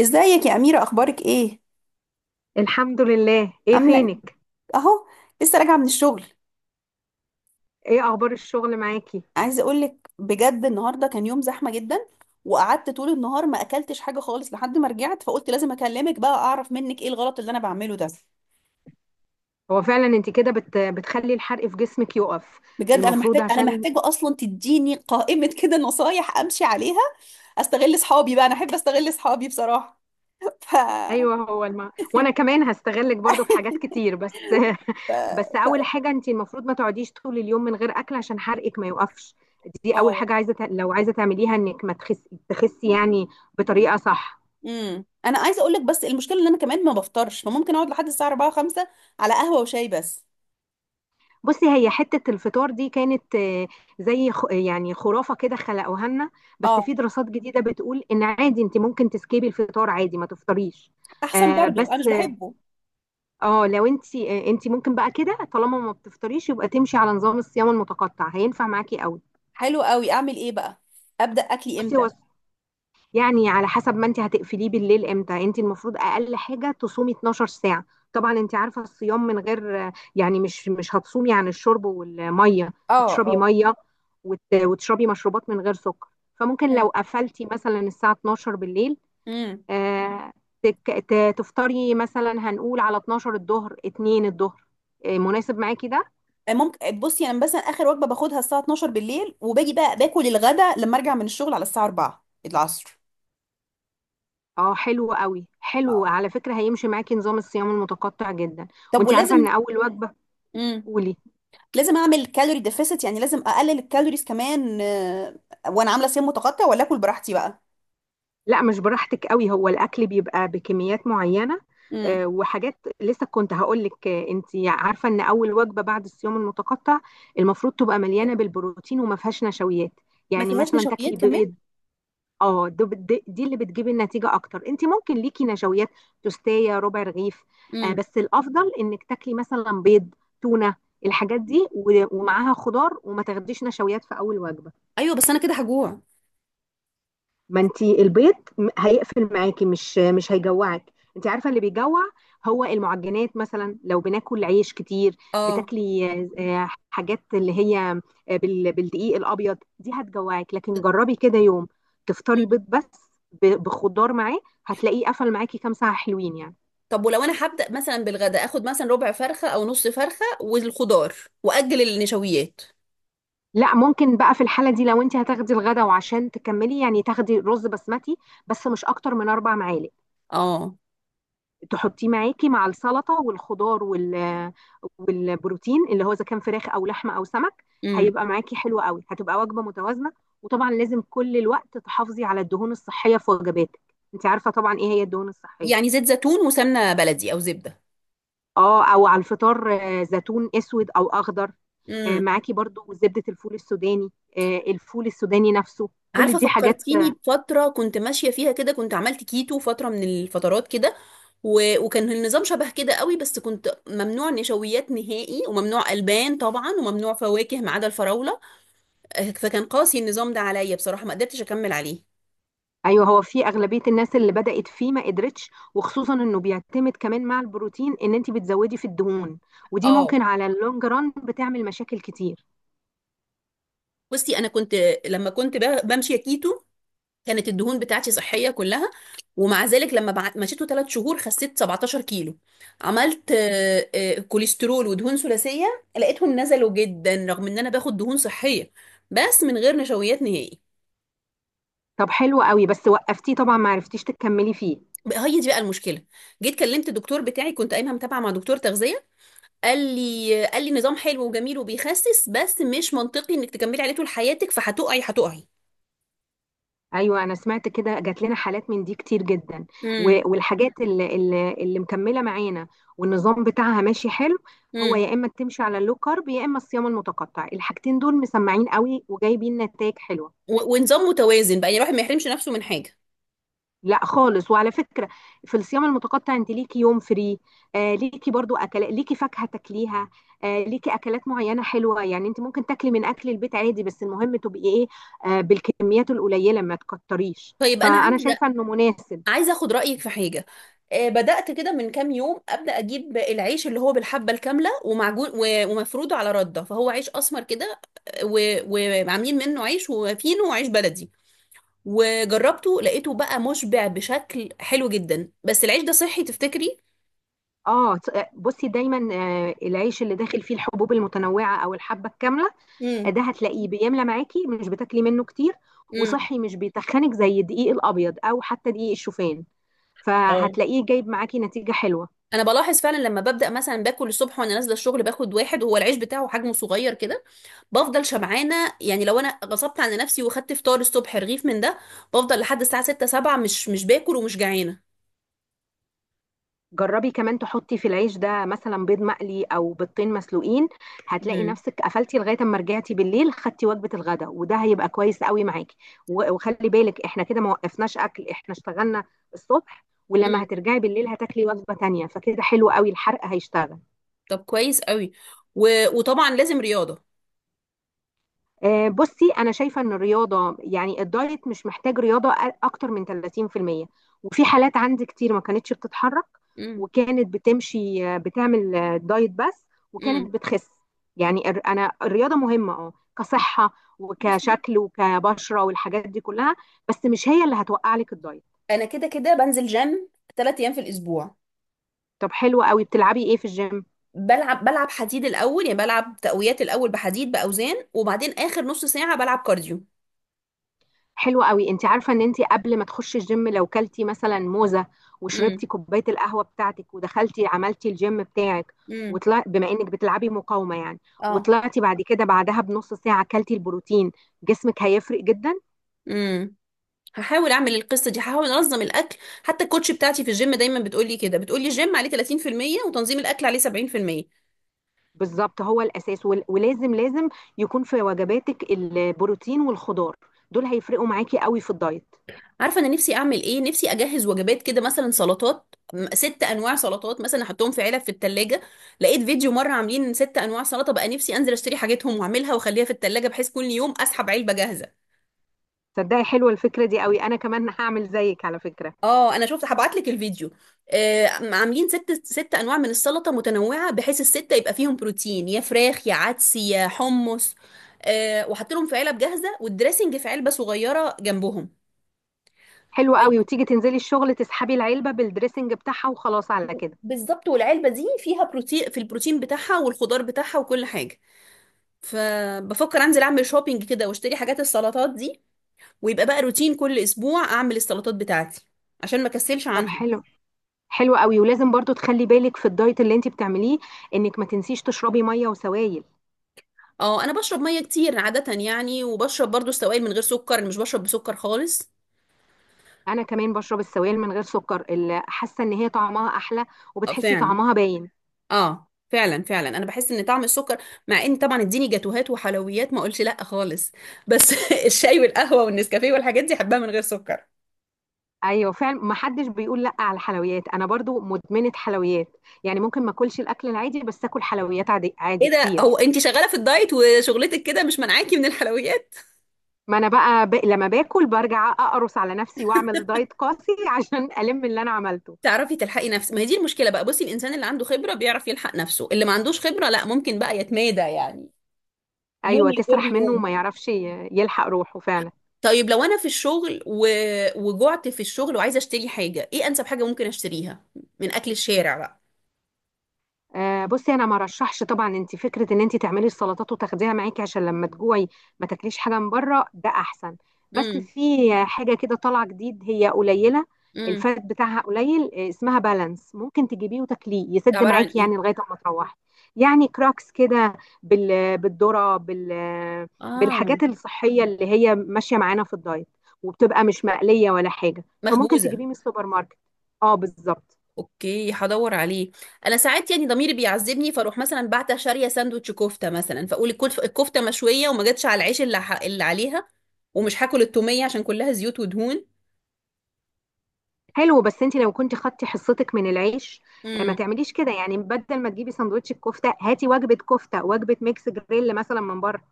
ازيك يا أميرة، أخبارك إيه؟ الحمد لله. ايه عاملة إيه؟ فينك؟ أهو لسه راجعة من الشغل. ايه اخبار الشغل معاكي؟ عايزة أقولك بجد، النهاردة كان يوم زحمة جدا. وقعدت طول النهار ما أكلتش حاجة خالص لحد ما رجعت، فقلت لازم أكلمك بقى أعرف منك إيه الغلط اللي أنا بعمله ده. هو فعلا انت كده بتخلي الحرق في جسمك يقف. بجد أنا المفروض عشان محتاجة أصلا تديني قائمة كده نصايح أمشي عليها. أستغل صحابي بقى، أنا أحب أستغل صحابي بصراحة. ف ايوه، وانا كمان هستغلك برضو في حاجات كتير، بس ف بس اول ف حاجه انت المفروض ما تقعديش طول اليوم من غير اكل عشان حرقك ما يوقفش. دي اول اه حاجه عايزه لو عايزه تعمليها انك ما تخسي يعني، بطريقه صح. انا عايزه اقول لك، بس المشكله ان انا كمان ما بفطرش، فممكن اقعد لحد الساعه 4 5 على قهوه وشاي بس. بصي، هي حتة الفطار دي كانت زي يعني خرافة كده خلقوها لنا، بس اه، في دراسات جديدة بتقول ان عادي انت ممكن تسكيبي الفطار عادي ما تفطريش. احسن برضو انا مش بس، بحبه. اه لو انت ممكن بقى كده، طالما ما بتفطريش يبقى تمشي على نظام الصيام المتقطع، هينفع معاكي قوي. حلو قوي، اعمل ايه بقى؟ ابدا اكلي بصي، امتى؟ هو يعني على حسب ما انت هتقفليه بالليل امتى. انت المفروض اقل حاجه تصومي 12 ساعه. طبعا انت عارفه الصيام، من غير يعني مش هتصومي عن الشرب والميه، اه. هتشربي اه. ميه وتشربي مشروبات من غير سكر. فممكن حلو. لو قفلتي مثلا الساعه 12 بالليل، امم. آه، تفطري مثلا. هنقول على 12 الظهر، 2 الظهر، مناسب معاكي ده؟ ممكن بصي، انا مثلا اخر وجبه باخدها الساعه 12 بالليل، وباجي بقى باكل الغدا لما ارجع من الشغل على الساعه 4 العصر. اه، حلو قوي. حلو آه. على فكره، هيمشي معاكي نظام الصيام المتقطع جدا. طب وانت عارفه ولازم، ان اول وجبه، امم، قولي. لازم اعمل كالوري ديفيسيت؟ يعني لازم اقلل الكالوريز كمان، آه، وانا عامله صيام متقطع، ولا اكل براحتي بقى؟ لا، مش براحتك قوي، هو الاكل بيبقى بكميات معينه. امم. وحاجات لسه كنت هقول لك. انت عارفه ان اول وجبه بعد الصيام المتقطع المفروض تبقى مليانه بالبروتين وما فيهاش نشويات. ما يعني فيهاش مثلا نشويات تاكلي كمان؟ بيض. دي اللي بتجيب النتيجه اكتر. انت ممكن ليكي نشويات، توستايه، ربع رغيف. امم. بس الافضل انك تاكلي مثلا بيض، تونه، الحاجات دي ومعاها خضار، وما تاخديش نشويات في اول وجبه. ايوه بس انا كده هجوع. ما انت البيض هيقفل معاكي، مش هيجوعك. انت عارفه اللي بيجوع هو المعجنات، مثلا لو بناكل عيش كتير، اه. بتاكلي حاجات اللي هي بالدقيق الابيض، دي هتجوعك. لكن جربي كده يوم تفطري بيض بس بخضار معاه، هتلاقيه قفل معاكي كام ساعه حلوين يعني. طب ولو انا هبدأ مثلا بالغدا، اخد مثلا ربع فرخة او نص فرخة والخضار، واجل النشويات. لا، ممكن بقى في الحاله دي لو انت هتاخدي الغدا، وعشان تكملي يعني تاخدي رز بسمتي، بس مش اكتر من 4 معالق، اه. تحطيه معاكي مع السلطه والخضار والبروتين اللي هو اذا كان فراخ او لحمه او سمك، امم. هيبقى معاكي حلو قوي، هتبقى وجبه متوازنه. وطبعا لازم كل الوقت تحافظي على الدهون الصحيه في وجباتك. انت عارفه طبعا ايه هي الدهون يعني الصحيه؟ زيت زيتون وسمنة بلدي او زبدة. اه، او على الفطار زيتون اسود او اخضر. امم. معاكي برضو زبده الفول السوداني. الفول السوداني نفسه، كل عارفة، دي حاجات. فكرتيني بفترة كنت ماشية فيها كده، كنت عملت كيتو فترة من الفترات كده، و... وكان النظام شبه كده قوي، بس كنت ممنوع نشويات نهائي وممنوع ألبان طبعا وممنوع فواكه ما عدا الفراولة. آه، فكان قاسي النظام ده عليا بصراحة، ما قدرتش أكمل عليه. ايوه، هو في اغلبيه الناس اللي بدات فيه ما قدرتش، وخصوصا انه بيعتمد كمان مع البروتين ان انت بتزودي في الدهون، ودي اه. ممكن على اللونج ران بتعمل مشاكل كتير. بصي انا كنت، لما كنت بمشي كيتو، كانت الدهون بتاعتي صحية كلها. ومع ذلك لما مشيته 3 شهور خسيت 17 كيلو، عملت كوليسترول ودهون ثلاثية، لقيتهم نزلوا جدا رغم ان انا باخد دهون صحية، بس من غير نشويات نهائي. طب حلو قوي، بس وقفتيه طبعا ما عرفتيش تكملي فيه. هي دي بقى المشكلة. جيت كلمت الدكتور بتاعي، كنت قايمة متابعة مع دكتور تغذية، قال لي نظام حلو وجميل وبيخسس، بس مش منطقي انك تكملي عليه طول حياتك، هتقعي. ايوه انا سمعت كده، جات لنا حالات من دي كتير جدا. امم. والحاجات اللي مكمله معانا والنظام بتاعها ماشي حلو. هو امم. يا اما تمشي على اللو كارب يا اما الصيام المتقطع، الحاجتين دول مسمعين قوي وجايبين نتائج حلوه. ونظام متوازن بقى، يعني الواحد ما يحرمش نفسه من حاجة. لا خالص. وعلى فكرة في الصيام المتقطع انت ليكي يوم فري، ليكي برضو اكلات، ليكي فاكهة تاكليها، ليكي اكلات معينة حلوة. يعني انت ممكن تاكلي من اكل البيت عادي، بس المهم تبقي ايه؟ بالكميات القليلة، ما تكتريش. طيب انا فانا شايفة انه مناسب. عايزه اخد رايك في حاجه. آه، بدات كده من كام يوم ابدا اجيب العيش اللي هو بالحبه الكامله ومعجون ومفروده على رده، فهو عيش اسمر كده، آه، وعاملين منه عيش وفينو وعيش بلدي. وجربته لقيته بقى مشبع بشكل حلو جدا، بس العيش ده صحي تفتكري؟ بصي دايما العيش اللي داخل فيه الحبوب المتنوعة او الحبة الكاملة، امم. ده هتلاقيه بيملى معاكي، مش بتاكلي منه كتير، امم. وصحي مش بيتخنك زي الدقيق الابيض او حتى دقيق الشوفان، فهتلاقيه جايب معاكي نتيجة حلوة. انا بلاحظ فعلا، لما ببدا مثلا باكل الصبح وانا نازله الشغل باخد واحد، وهو العيش بتاعه حجمه صغير كده، بفضل شبعانه. يعني لو انا غصبت على نفسي وخدت فطار الصبح رغيف من ده، بفضل لحد الساعه 6 7 مش باكل ومش جعانه. جربي كمان تحطي في العيش ده مثلا بيض مقلي او بيضتين مسلوقين، هتلاقي امم. نفسك قفلتي لغايه اما رجعتي بالليل خدتي وجبه الغداء، وده هيبقى كويس قوي معاكي. وخلي بالك احنا كده ما وقفناش اكل، احنا اشتغلنا الصبح ولما امم. هترجعي بالليل هتاكلي وجبه تانية، فكده حلو قوي الحرق هيشتغل. طب كويس قوي. و... وطبعا لازم رياضه. بصي انا شايفه ان الرياضه يعني الدايت مش محتاج رياضه اكتر من 30%. وفي حالات عندي كتير ما كانتش بتتحرك، امم. وكانت بتمشي بتعمل دايت بس، امم. وكانت بتخس. يعني انا الرياضه مهمه، اه، كصحه بصي وكشكل وكبشره والحاجات دي كلها، بس مش هي اللي هتوقع لك الدايت. انا كده كده بنزل جيم 3 ايام في الاسبوع. طب حلو قوي. بتلعبي ايه في الجيم؟ بلعب حديد الاول، يعني بلعب تقويات الاول بحديد باوزان، وبعدين اخر نص ساعه بلعب كارديو. حلوة قوي. انت عارفة ان انت قبل ما تخشي الجيم لو كلتي مثلا موزة امم. وشربتي كوباية القهوة بتاعتك ودخلتي عملتي الجيم بتاعك، امم. وطلع بما انك بتلعبي مقاومة يعني، وطلعتي بعد كده بعدها بنص ساعة كلتي البروتين، جسمك هيفرق جدا. اه، هحاول اعمل القصه دي، هحاول انظم الاكل. حتى الكوتش بتاعتي في الجيم دايما بتقولي كده، بتقولي الجيم عليه 30% وتنظيم الاكل عليه 70%. بالظبط، هو الاساس ولازم لازم يكون في وجباتك البروتين والخضار، دول هيفرقوا معاكي قوي في الدايت. عارفه انا نفسي اعمل ايه؟ نفسي اجهز وجبات كده، مثلا سلطات، ست انواع سلطات مثلا احطهم في علب في التلاجة. لقيت فيديو مره عاملين ست انواع سلطه، بقى نفسي انزل اشتري حاجتهم واعملها واخليها في التلاجة، بحيث كل يوم اسحب علبه جاهزه. تصدقي حلوة الفكرة دي قوي، انا كمان هعمل زيك على فكرة. اه انا شفت، هبعت لك الفيديو. آه عاملين ست انواع من السلطه متنوعه، بحيث السته يبقى فيهم بروتين، يا فراخ يا عدس يا حمص، آه، وحاطط لهم في علب جاهزه، والدريسنج في علبه صغيره جنبهم. حلوة قوي، كويس. وتيجي تنزلي الشغل تسحبي العلبة بالدريسنج بتاعها وخلاص على كده. بالظبط، والعلبه دي فيها بروتين، في البروتين بتاعها والخضار بتاعها وكل حاجه. فبفكر انزل اعمل شوبينج كده واشتري حاجات السلطات دي، ويبقى بقى روتين كل اسبوع اعمل السلطات بتاعتي، عشان ما كسلش طب عنها. حلو. حلو قوي، ولازم برضو تخلي بالك في الدايت اللي انت بتعمليه انك ما تنسيش تشربي ميه وسوائل. اه انا بشرب ميه كتير عاده يعني، وبشرب برضو السوائل من غير سكر، مش بشرب بسكر خالص. انا كمان بشرب السوائل من غير سكر، اللي حاسه ان هي طعمها احلى اه وبتحسي فعلا. طعمها باين. اه فعلا، انا بحس ان طعم السكر، مع ان طبعا اديني جاتوهات وحلويات ما اقولش لا خالص، بس الشاي والقهوه والنسكافيه والحاجات دي احبها من غير سكر. ايوه فعلا، ما حدش بيقول لا على الحلويات، انا برضو مدمنه حلويات. يعني ممكن ما اكلش الاكل العادي بس اكل حلويات عادي عادي ايه ده، كتير. هو انت شغاله في الدايت وشغلتك كده مش منعاكي من الحلويات؟ ما انا بقى لما باكل برجع اقرص على نفسي واعمل دايت قاسي عشان الم اللي انا عملته. تعرفي تلحقي نفسك، ما هي دي المشكله بقى. بصي، الانسان اللي عنده خبره بيعرف يلحق نفسه، اللي ما عندوش خبره لا، ممكن بقى يتمادى يعني، يوم ايوه يجر تسرح منه يوم. وما يعرفش يلحق روحه فعلا. طيب لو انا في الشغل و... وجعت في الشغل وعايزه اشتري حاجه، ايه انسب حاجه ممكن اشتريها من اكل الشارع بقى؟ بصي انا ما رشحش طبعا، انت فكره ان انت تعملي السلطات وتاخديها معاكي عشان لما تجوعي ما تاكليش حاجه من بره، ده احسن. بس امم. في حاجه كده طالعه جديد، هي قليله، امم. الفات بتاعها قليل، اسمها بالانس، ممكن تجيبيه وتاكليه ده يسد عباره عن معاكي ايه؟ يعني لغايه ما تروحي. يعني كراكس كده بالذره، اه. بالحاجات الصحيه اللي هي ماشيه معانا في الدايت، وبتبقى مش مقليه ولا حاجه، فممكن مخبوزه؟ تجيبيه من السوبر ماركت. اه بالظبط. اوكي، هدور عليه. انا ساعات يعني ضميري بيعذبني، فاروح مثلا بعت شاريه ساندوتش كفته مثلا، فاقول الكفته مشويه وما جاتش على العيش اللي عليها، ومش هاكل التوميه عشان كلها زيوت ودهون. حلو، بس انت لو كنت خدتي حصتك من العيش، ما امم. تعمليش كده يعني. بدل ما تجيبي سندوتش الكفته هاتي وجبه كفته، وجبه ميكس جريل مثلا من بره،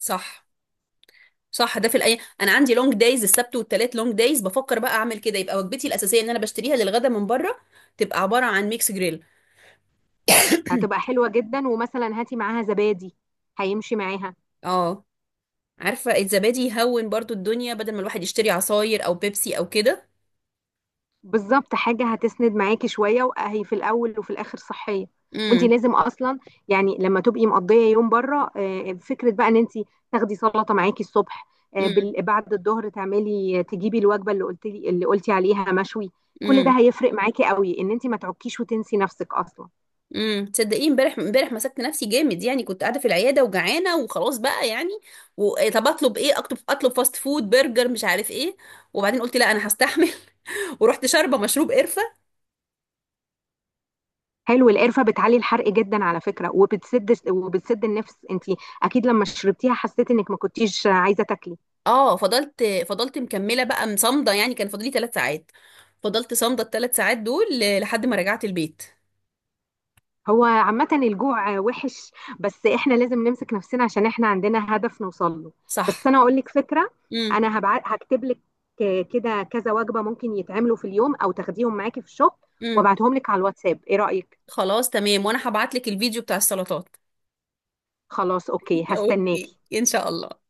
صح. صح، ده في الايام انا عندي لونج دايز، السبت والتلات لونج دايز، بفكر بقى اعمل كده، يبقى وجبتي الاساسيه ان انا بشتريها للغدا من بره، تبقى عباره عن ميكس جريل. هتبقى حلوه جدا. ومثلا هاتي معاها زبادي، هيمشي معاها. اه. عارفه الزبادي يهون برضو الدنيا، بدل ما الواحد يشتري عصاير او بيبسي او كده. بالظبط، حاجة هتسند معاكي شوية وهي في الأول وفي الآخر صحية. وانت امم. لازم اصلا يعني لما تبقي مقضيه يوم بره، فكره بقى ان انت تاخدي سلطه معاكي الصبح، امم. بعد الظهر تعملي تجيبي الوجبه اللي قلتي عليها مشوي. كل ده امم. هيفرق معاكي قوي ان انت ما تعكيش وتنسي نفسك اصلا. امم. تصدقي امبارح مسكت نفسي جامد، يعني كنت قاعده في العياده وجعانه، وخلاص بقى يعني، و... إيه، طب اطلب ايه؟ اطلب فاست فود، برجر، مش عارف ايه. وبعدين قلت لا انا هستحمل، ورحت شاربه مشروب قرفه. حلو، القرفه بتعلي الحرق جدا على فكره، وبتسد النفس. انت اكيد لما شربتيها حسيتي انك ما كنتيش عايزه تاكلي. اه فضلت، فضلت مكمله بقى مصمده، يعني كان فاضلي 3 ساعات، فضلت صامده الـ3 ساعات دول لحد ما رجعت البيت. هو عامة الجوع وحش، بس احنا لازم نمسك نفسنا عشان احنا عندنا هدف نوصل له. بس صح. انا اقول لك فكرة. امم. انا هكتب لك كده كذا وجبة ممكن يتعملوا في اليوم او تاخديهم معاكي في الشغل، امم. وابعتهم لك على الواتساب، ايه رأيك؟ خلاص تمام، وانا هبعت لك الفيديو بتاع السلطات. خلاص اوكي، اوكي هستناكي. ان شاء الله.